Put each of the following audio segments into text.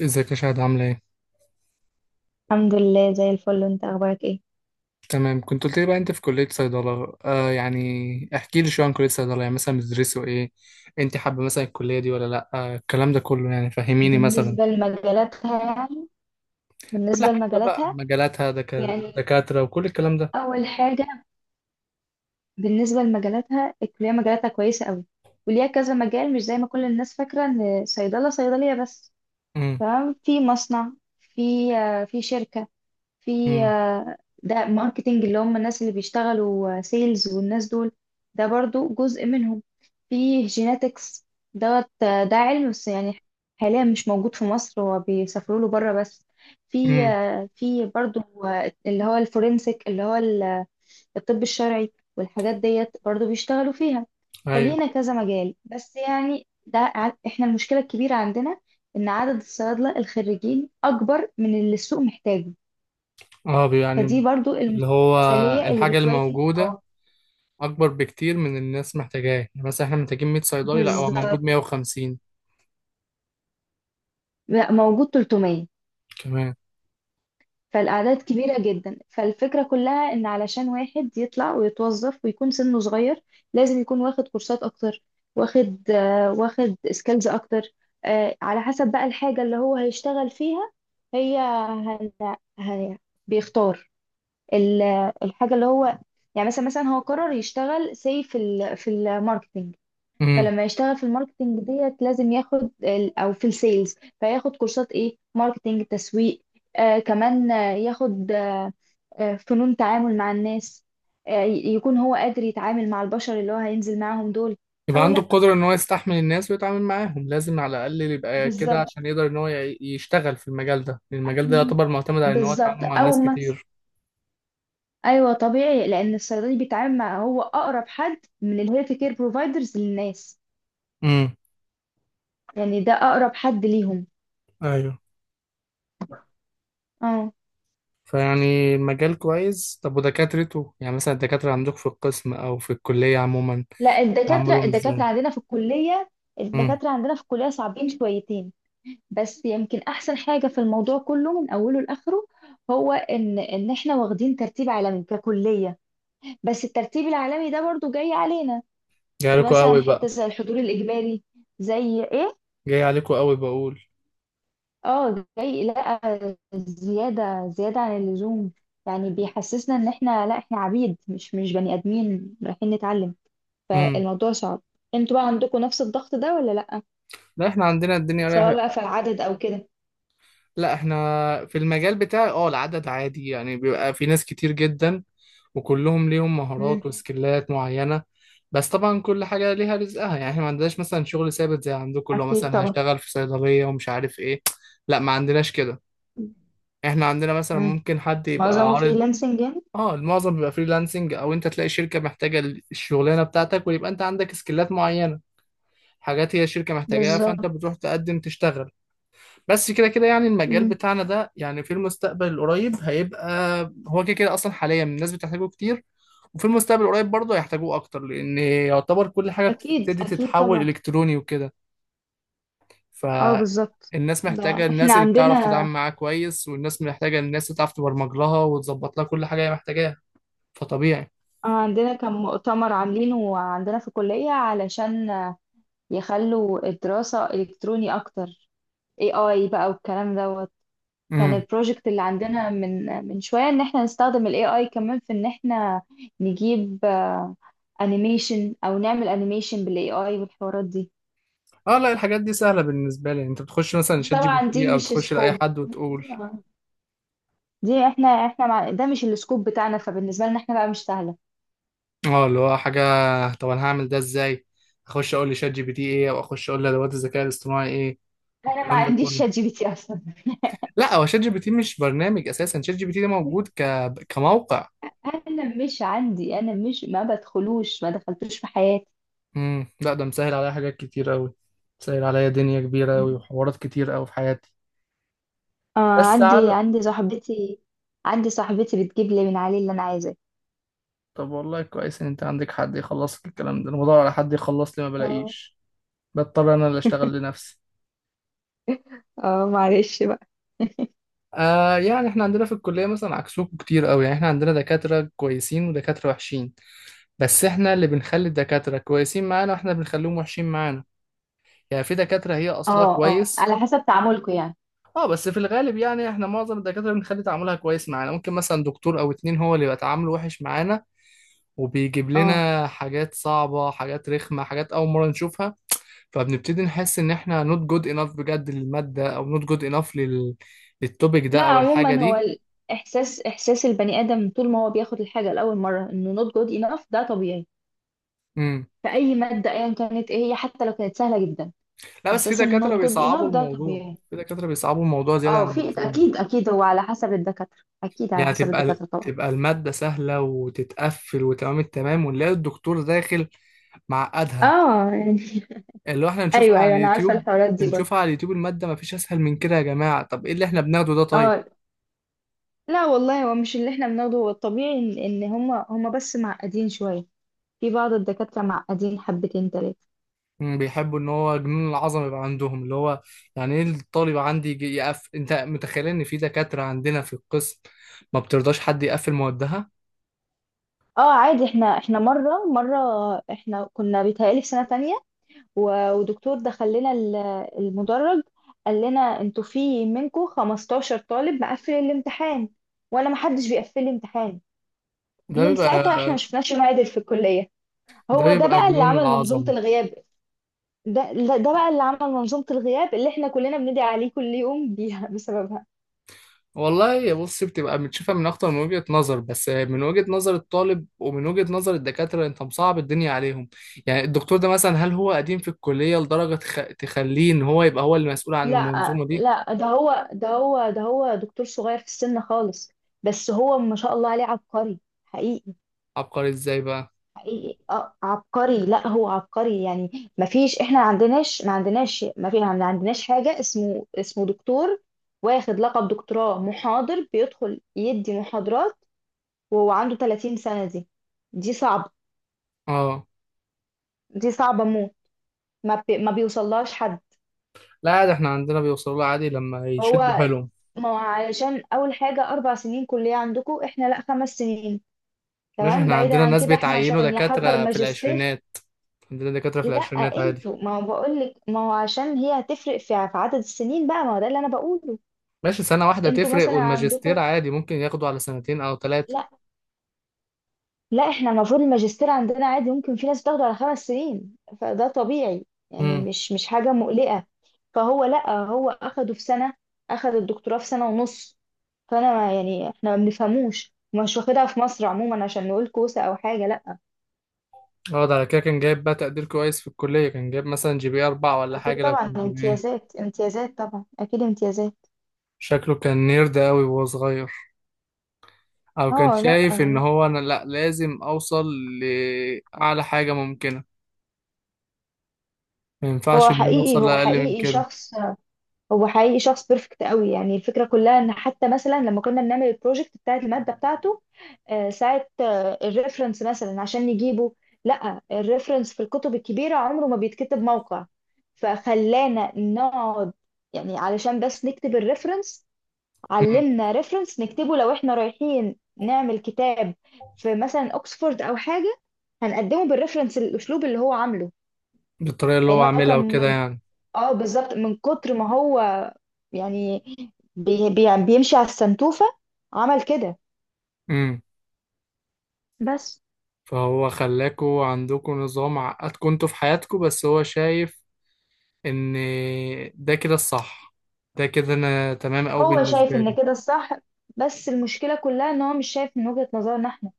ازيك يا شهد؟ عاملة ايه؟ الحمد لله زي الفل، انت اخبارك ايه؟ تمام، كنت قلت لي بقى انت في كلية صيدلة. يعني احكي لي شوية عن كلية صيدلة، يعني مثلا بتدرسوا ايه؟ انت حابة مثلا الكلية دي ولا لأ؟ الكلام ده كله، يعني فهميني. مثلا بالنسبة لمجالاتها يعني كل بالنسبة حاجة بقى لمجالاتها مجالاتها يعني دكاترة وكل الكلام ده. اول حاجة، بالنسبة لمجالاتها الكلية مجالاتها كويسة قوي، وليها كذا مجال، مش زي ما كل الناس فاكرة ان صيدلة صيدلية بس. امم. تمام. في مصنع، في في شركة، في امم. آه، ده ماركتينج اللي هم الناس اللي بيشتغلوا سيلز والناس دول، ده برضو جزء منهم. في جيناتكس دوت، ده علم بس يعني، حاليا مش موجود في مصر، هو بيسافروا له بره بس. في امم. آه، في برضو اللي هو الفورنسيك، اللي هو الطب الشرعي، والحاجات ديت برضو بيشتغلوا فيها. ايوه. فلينا كذا مجال، بس يعني ده احنا المشكلة الكبيرة عندنا ان عدد الصيادلة الخريجين اكبر من اللي السوق محتاجه، اه، فدي يعني برضو اللي المشكلة هو الأزلية اللي الحاجة بتواجه. الموجودة اه، أكبر بكتير من الناس محتاجاه. يعني مثلا احنا محتاجين 100 صيدلي، لأ هو موجود بالظبط. 150 لا، موجود 300. كمان. فالأعداد كبيرة جدا، فالفكرة كلها إن علشان واحد يطلع ويتوظف ويكون سنه صغير لازم يكون واخد كورسات أكتر، واخد سكيلز أكتر، على حسب بقى الحاجة اللي هو هيشتغل فيها. هي هن... هي بيختار ال- الحاجة اللي هو، يعني مثلا، هو قرر يشتغل سي في في الماركتنج، فلما يشتغل في الماركتينج ديت لازم ياخد او في السيلز، فياخد كورسات ايه، ماركتينج، تسويق، كمان، ياخد فنون تعامل مع الناس، يكون هو قادر يتعامل مع البشر اللي هو هينزل معاهم دول. يبقى او عنده لا. القدرة إن هو يستحمل الناس ويتعامل معاهم، لازم على الأقل يبقى كده بالظبط، عشان يقدر إن هو يشتغل في المجال ده. المجال ده يعتبر معتمد على إن هو بالظبط. يتعامل مع او ناس مس كتير. ايوه، طبيعي، لان الصيدلي بيتعامل مع، هو اقرب حد من الهيلث كير بروفايدرز للناس، امم. يعني ده اقرب حد ليهم. أيوه. اه. فيعني مجال كويس. طب ودكاترته؟ يعني مثلا الدكاترة عندك في القسم أو في الكلية عموما، لا. تعاملهم إزاي؟ امم. الدكاترة عندنا في الكلية صعبين شويتين، بس يمكن أحسن حاجة في الموضوع كله من أوله لآخره هو إن إحنا واخدين ترتيب عالمي ككلية، بس الترتيب العالمي ده برضو جاي علينا. جاي عليكوا فمثلا قوي حتة بقى. زي الحضور الإجباري، زي إيه؟ جاي عليكوا قوي، بقول. آه، جاي. لا، زيادة عن اللزوم، يعني بيحسسنا إن إحنا، لا، إحنا عبيد، مش بني آدمين رايحين نتعلم، امم. فالموضوع صعب. انتوا بقى عندكم نفس الضغط ده ولا لا؟ لا، إحنا عندنا الدنيا سواء رايحة. بقى في العدد او كده. لا، احنا في المجال بتاعي العدد عادي، يعني بيبقى في ناس كتير جدا وكلهم ليهم امم. مهارات وسكيلات معينة. بس طبعا كل حاجة ليها رزقها، يعني احنا ما عندناش مثلا شغل ثابت زي عندكم اللي هو اكيد مثلا طبعا. هشتغل في صيدلية ومش عارف ايه. لا، ما عندناش كده. احنا عندنا مثلا امم. ممكن حد يبقى معظمه عارض. فريلانسنج يعني. اه، المعظم بيبقى فريلانسنج، او انت تلاقي شركة محتاجة الشغلانة بتاعتك ويبقى انت عندك سكيلات معينة، حاجات هي الشركة محتاجاها، فانت بالظبط. بتروح تقدم تشتغل. بس كده كده يعني المجال امم. بتاعنا ده، يعني في المستقبل القريب هيبقى، هو كده كده اصلا حاليا الناس بتحتاجه كتير. وفي المستقبل القريب برضه هيحتاجوه اكتر، لان يعتبر كل حاجه اكيد، بتبتدي اكيد تتحول طبعا. الكتروني وكده. اه، بالظبط. فالناس ده محتاجه احنا الناس اللي بتعرف عندنا تتعامل معاها كويس، والناس محتاجه الناس اللي تعرف تبرمج لها وتظبط لها كل حاجه هي محتاجاها. فطبيعي. اه عندنا كان مؤتمر عاملينه عندنا في الكلية علشان يخلوا الدراسة الكتروني اكتر، اي اي بقى والكلام دوت. كان امم. البروجكت اللي عندنا من شوية ان احنا نستخدم الاي اي كمان، في ان احنا نجيب انيميشن او نعمل انيميشن بالاي اي والحوارات دي. اه لا، الحاجات دي سهله بالنسبه لي. يعني انت بتخش مثلا بس شات جي بي طبعا دي تي او مش تخش لاي سكوب، حد وتقول. دي احنا احنا مع... ده مش السكوب بتاعنا، فبالنسبه لنا احنا بقى مش سهله. اه اللي هو حاجة، طب انا هعمل ده ازاي؟ اخش اقول لشات جي بي تي ايه، او اخش اقول لادوات الذكاء الاصطناعي ايه انا ما والكلام ده عنديش شات كله. جي بي تي اصلا. لا، هو ChatGPT مش برنامج اساسا. ChatGPT ده موجود كموقع. انا مش عندي، انا مش ما بدخلوش ما دخلتوش في حياتي. امم. لا، ده مسهل عليا حاجات كتير قوي. مسهل عليا دنيا كبيرة قوي وحوارات كتير قوي في حياتي. آه. بس عندي على. عندي صاحبتي عندي صاحبتي بتجيب لي من عليه اللي انا عايزاه. طب والله كويس ان انت عندك حد يخلص لك الكلام ده. انا بدور على حد يخلص لي ما اه. بلاقيش، بضطر انا اللي اشتغل لنفسي. اه، معلش بقى. يعني احنا عندنا في الكلية مثلا عكسوكوا كتير قوي. يعني احنا عندنا دكاترة كويسين ودكاترة وحشين، بس احنا اللي بنخلي الدكاترة كويسين معانا واحنا بنخليهم وحشين معانا. يعني في دكاترة هي اصلها اه. اه، كويس. على حسب تعاملكم يعني. اه بس في الغالب، يعني احنا معظم الدكاترة بنخلي تعاملها كويس معانا. ممكن مثلا دكتور او اتنين هو اللي يبقى تعامله وحش معانا، وبيجيب اه. لنا حاجات صعبة، حاجات رخمة، حاجات أول مرة نشوفها، فبنبتدي نحس إن إحنا not good enough بجد للمادة، أو not good enough للتوبيك ده لا، أو الحاجة عموما هو دي. احساس البني ادم طول ما هو بياخد الحاجه لاول مره انه not good enough ده طبيعي، مم. في اي ماده ايا كانت ايه هي، حتى لو كانت سهله جدا. لا بس في احساس ان دكاترة not good بيصعبوا enough ده الموضوع. طبيعي. في دكاترة بيصعبوا الموضوع زيادة اه. عن اللزوم. اكيد، اكيد، هو على حسب الدكاتره، اكيد على يعني حسب تبقى الدكاتره طبعا. تبقى المادة سهلة وتتقفل وتمام التمام، ونلاقي الدكتور داخل معقدها، اه يعني. اللي هو احنا نشوفها ايوه، على ايوه، انا عارفه اليوتيوب. الحوارات دي بنشوفها برضه. على اليوتيوب، المادة مفيش أسهل من كده يا جماعة، طب إيه اللي احنا بناخده ده طيب؟ اه. لا والله، هو مش اللي احنا بناخده، هو الطبيعي ان هما هما بس معقدين شويه، في بعض الدكاتره معقدين حبتين تلاته. مم، بيحبوا إن هو جنون العظمة يبقى عندهم، اللي هو يعني إيه الطالب عندي يجي يقف؟ أنت متخيل إن في دكاترة عندنا في القسم ما بترضاش حد يقفل موادها؟ اه، عادي. احنا مره مره، احنا كنا بيتهيألي في سنه تانية، و- ودكتور دخل لنا المدرج، قال لنا انتوا في منكم 15 طالب مقفل الامتحان، وانا ما حدش بيقفل لي امتحان. ده من بيبقى ساعتها احنا ما شفناش معادل في الكليه. ده هو ده بيبقى بقى اللي جنون عمل منظومه العظمة. الغياب. ده بقى اللي عمل منظومه الغياب اللي احنا كلنا بندعي عليه كل يوم بيها بسببها. والله يا بص، بتبقى بتشوفها من اكتر من وجهة نظر، بس من وجهة نظر الطالب ومن وجهة نظر الدكاترة انت مصعب الدنيا عليهم. يعني الدكتور ده مثلا، هل هو قديم في الكلية لدرجة تخليه ان هو يبقى هو اللي مسؤول عن لا، المنظومة دي؟ لا، ده هو دكتور صغير في السن خالص، بس هو ما شاء الله عليه عبقري، حقيقي. عبقري ازاي بقى؟ حقيقي، عبقري. لا، هو عبقري يعني، ما فيش احنا ما عندناش ما عندناش ما في ما عندناش حاجه اسمه دكتور واخد لقب دكتوراه محاضر بيدخل يدي محاضرات وهو عنده 30 سنه دي. دي صعبه اه دي صعبه موت، ما بيوصلهاش حد. لا عادي، احنا عندنا بيوصلوا له عادي لما هو يشدوا حيلهم. ما هو علشان اول حاجه 4 سنين كليه عندكم، احنا لا، 5 سنين. ماشي، تمام، احنا بعيدا عندنا عن ناس كده احنا بيتعينوا عشان يحضر دكاترة في ماجستير. العشرينات. عندنا دكاترة في لا. العشرينات عادي. انتوا ما هو بقول لك، ما هو عشان هي هتفرق في عدد السنين بقى، ما هو ده اللي انا بقوله. ماشي، سنة واحدة انتوا تفرق، مثلا والماجستير عندكم. عادي ممكن ياخدوا على سنتين او 3. لا، لا، احنا المفروض الماجستير عندنا عادي، ممكن في ناس بتاخده على 5 سنين، فده طبيعي يعني، مش حاجة مقلقة. فهو، لا، هو اخده في سنة، اخد الدكتوراه في سنة ونص، فانا يعني احنا ما بنفهموش، مش واخدها في مصر عموما عشان نقول كوسة او حاجة. لا. اه، ده على كده كان جايب بقى تقدير كويس في الكلية. كان جايب مثلا GPA 4 ولا اكيد حاجة. لو طبعا، كان GPA، امتيازات، امتيازات طبعا، اكيد امتيازات. شكله كان نيرد أوي وهو صغير، أو كان اه. لا، شايف إن هو، أنا لأ لازم أوصل لأعلى حاجة ممكنة. ما هو ينفعش إن أنا حقيقي أوصل هو لأقل من حقيقي كده. شخص هو حقيقي شخص بيرفكت قوي، يعني الفكرة كلها ان حتى مثلا لما كنا بنعمل البروجكت بتاعت المادة بتاعته، ساعة الريفرنس مثلا عشان نجيبه. لا، الريفرنس في الكتب الكبيرة عمره ما بيتكتب موقع، فخلانا نقعد، يعني علشان بس نكتب الريفرنس، أمم. علمنا ريفرنس نكتبه لو احنا رايحين نعمل كتاب في مثلا اوكسفورد او حاجة، هنقدمه بالريفرنس الاسلوب اللي هو عامله. بالطريقة اللي يعني هو هو عاملها وكده كان، يعني. اه بالظبط، من كتر ما هو، يعني بي بي يعني بيمشي على السنتوفة، عمل كده. أمم. بس فهو خلاكوا عندكوا نظام، عقدكوا انتوا في حياتكوا، بس هو شايف إن ده كده الصح. ده كده أنا تمام أوي هو شايف بالنسبة ان لي. كده الصح، بس المشكلة كلها ان هو مش شايف من وجهة نظرنا احنا.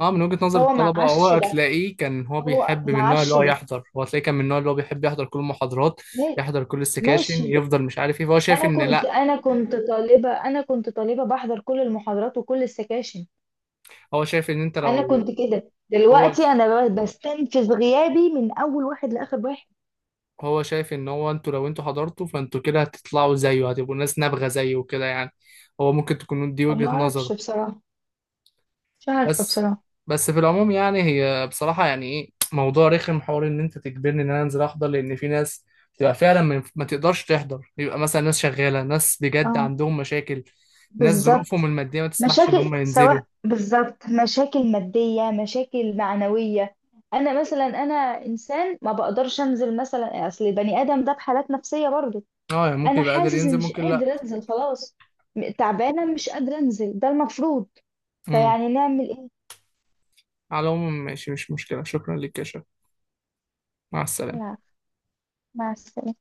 اه، من وجهة نظر هو الطلبة هو معاش ده هتلاقيه كان هو هو بيحب من النوع اللي معاش هو ده. يحضر. هو هتلاقيه كان من النوع اللي هو بيحب يحضر كل المحاضرات، ما- يحضر كل السكاشن، ماشي. يفضل مش عارف ايه. فهو شايف ان لا. انا كنت طالبة بحضر كل المحاضرات وكل السكاشن. هو شايف ان انت انا لو، كنت كده، هو دلوقتي انا بستنفذ غيابي من اول واحد لاخر واحد. هو شايف ان هو انتوا لو انتوا حضرتوا فانتوا كده هتطلعوا زيه، هتبقوا ناس نابغة زيه وكده يعني. هو ممكن تكون دي فما وجهة اعرفش نظره. بصراحة، مش عارفة بس بصراحة. بس في العموم، يعني هي بصراحة، يعني ايه موضوع رخم، حوار ان انت تجبرني ان انا انزل احضر لان في ناس بتبقى فعلا ما تقدرش تحضر. يبقى مثلا ناس شغالة، ناس بجد اه، عندهم مشاكل، ناس ظروفهم بالظبط. المادية ما تسمحش ان مشاكل، هم ينزلوا. سواء بالظبط مشاكل مادية، مشاكل معنوية. أنا مثلا، أنا إنسان ما بقدرش أنزل مثلا، أصل البني آدم ده بحالات نفسية برضه، اه يعني ممكن أنا يبقى قادر حاسس إني ينزل، مش ممكن لا. قادر أنزل خلاص. تعبانة، مش قادرة أنزل، ده المفروض. امم. فيعني نعمل إيه؟ على العموم ماشي، مش مشكلة. شكرا لك يا شباب، مع السلامة. لا. مع السلامة.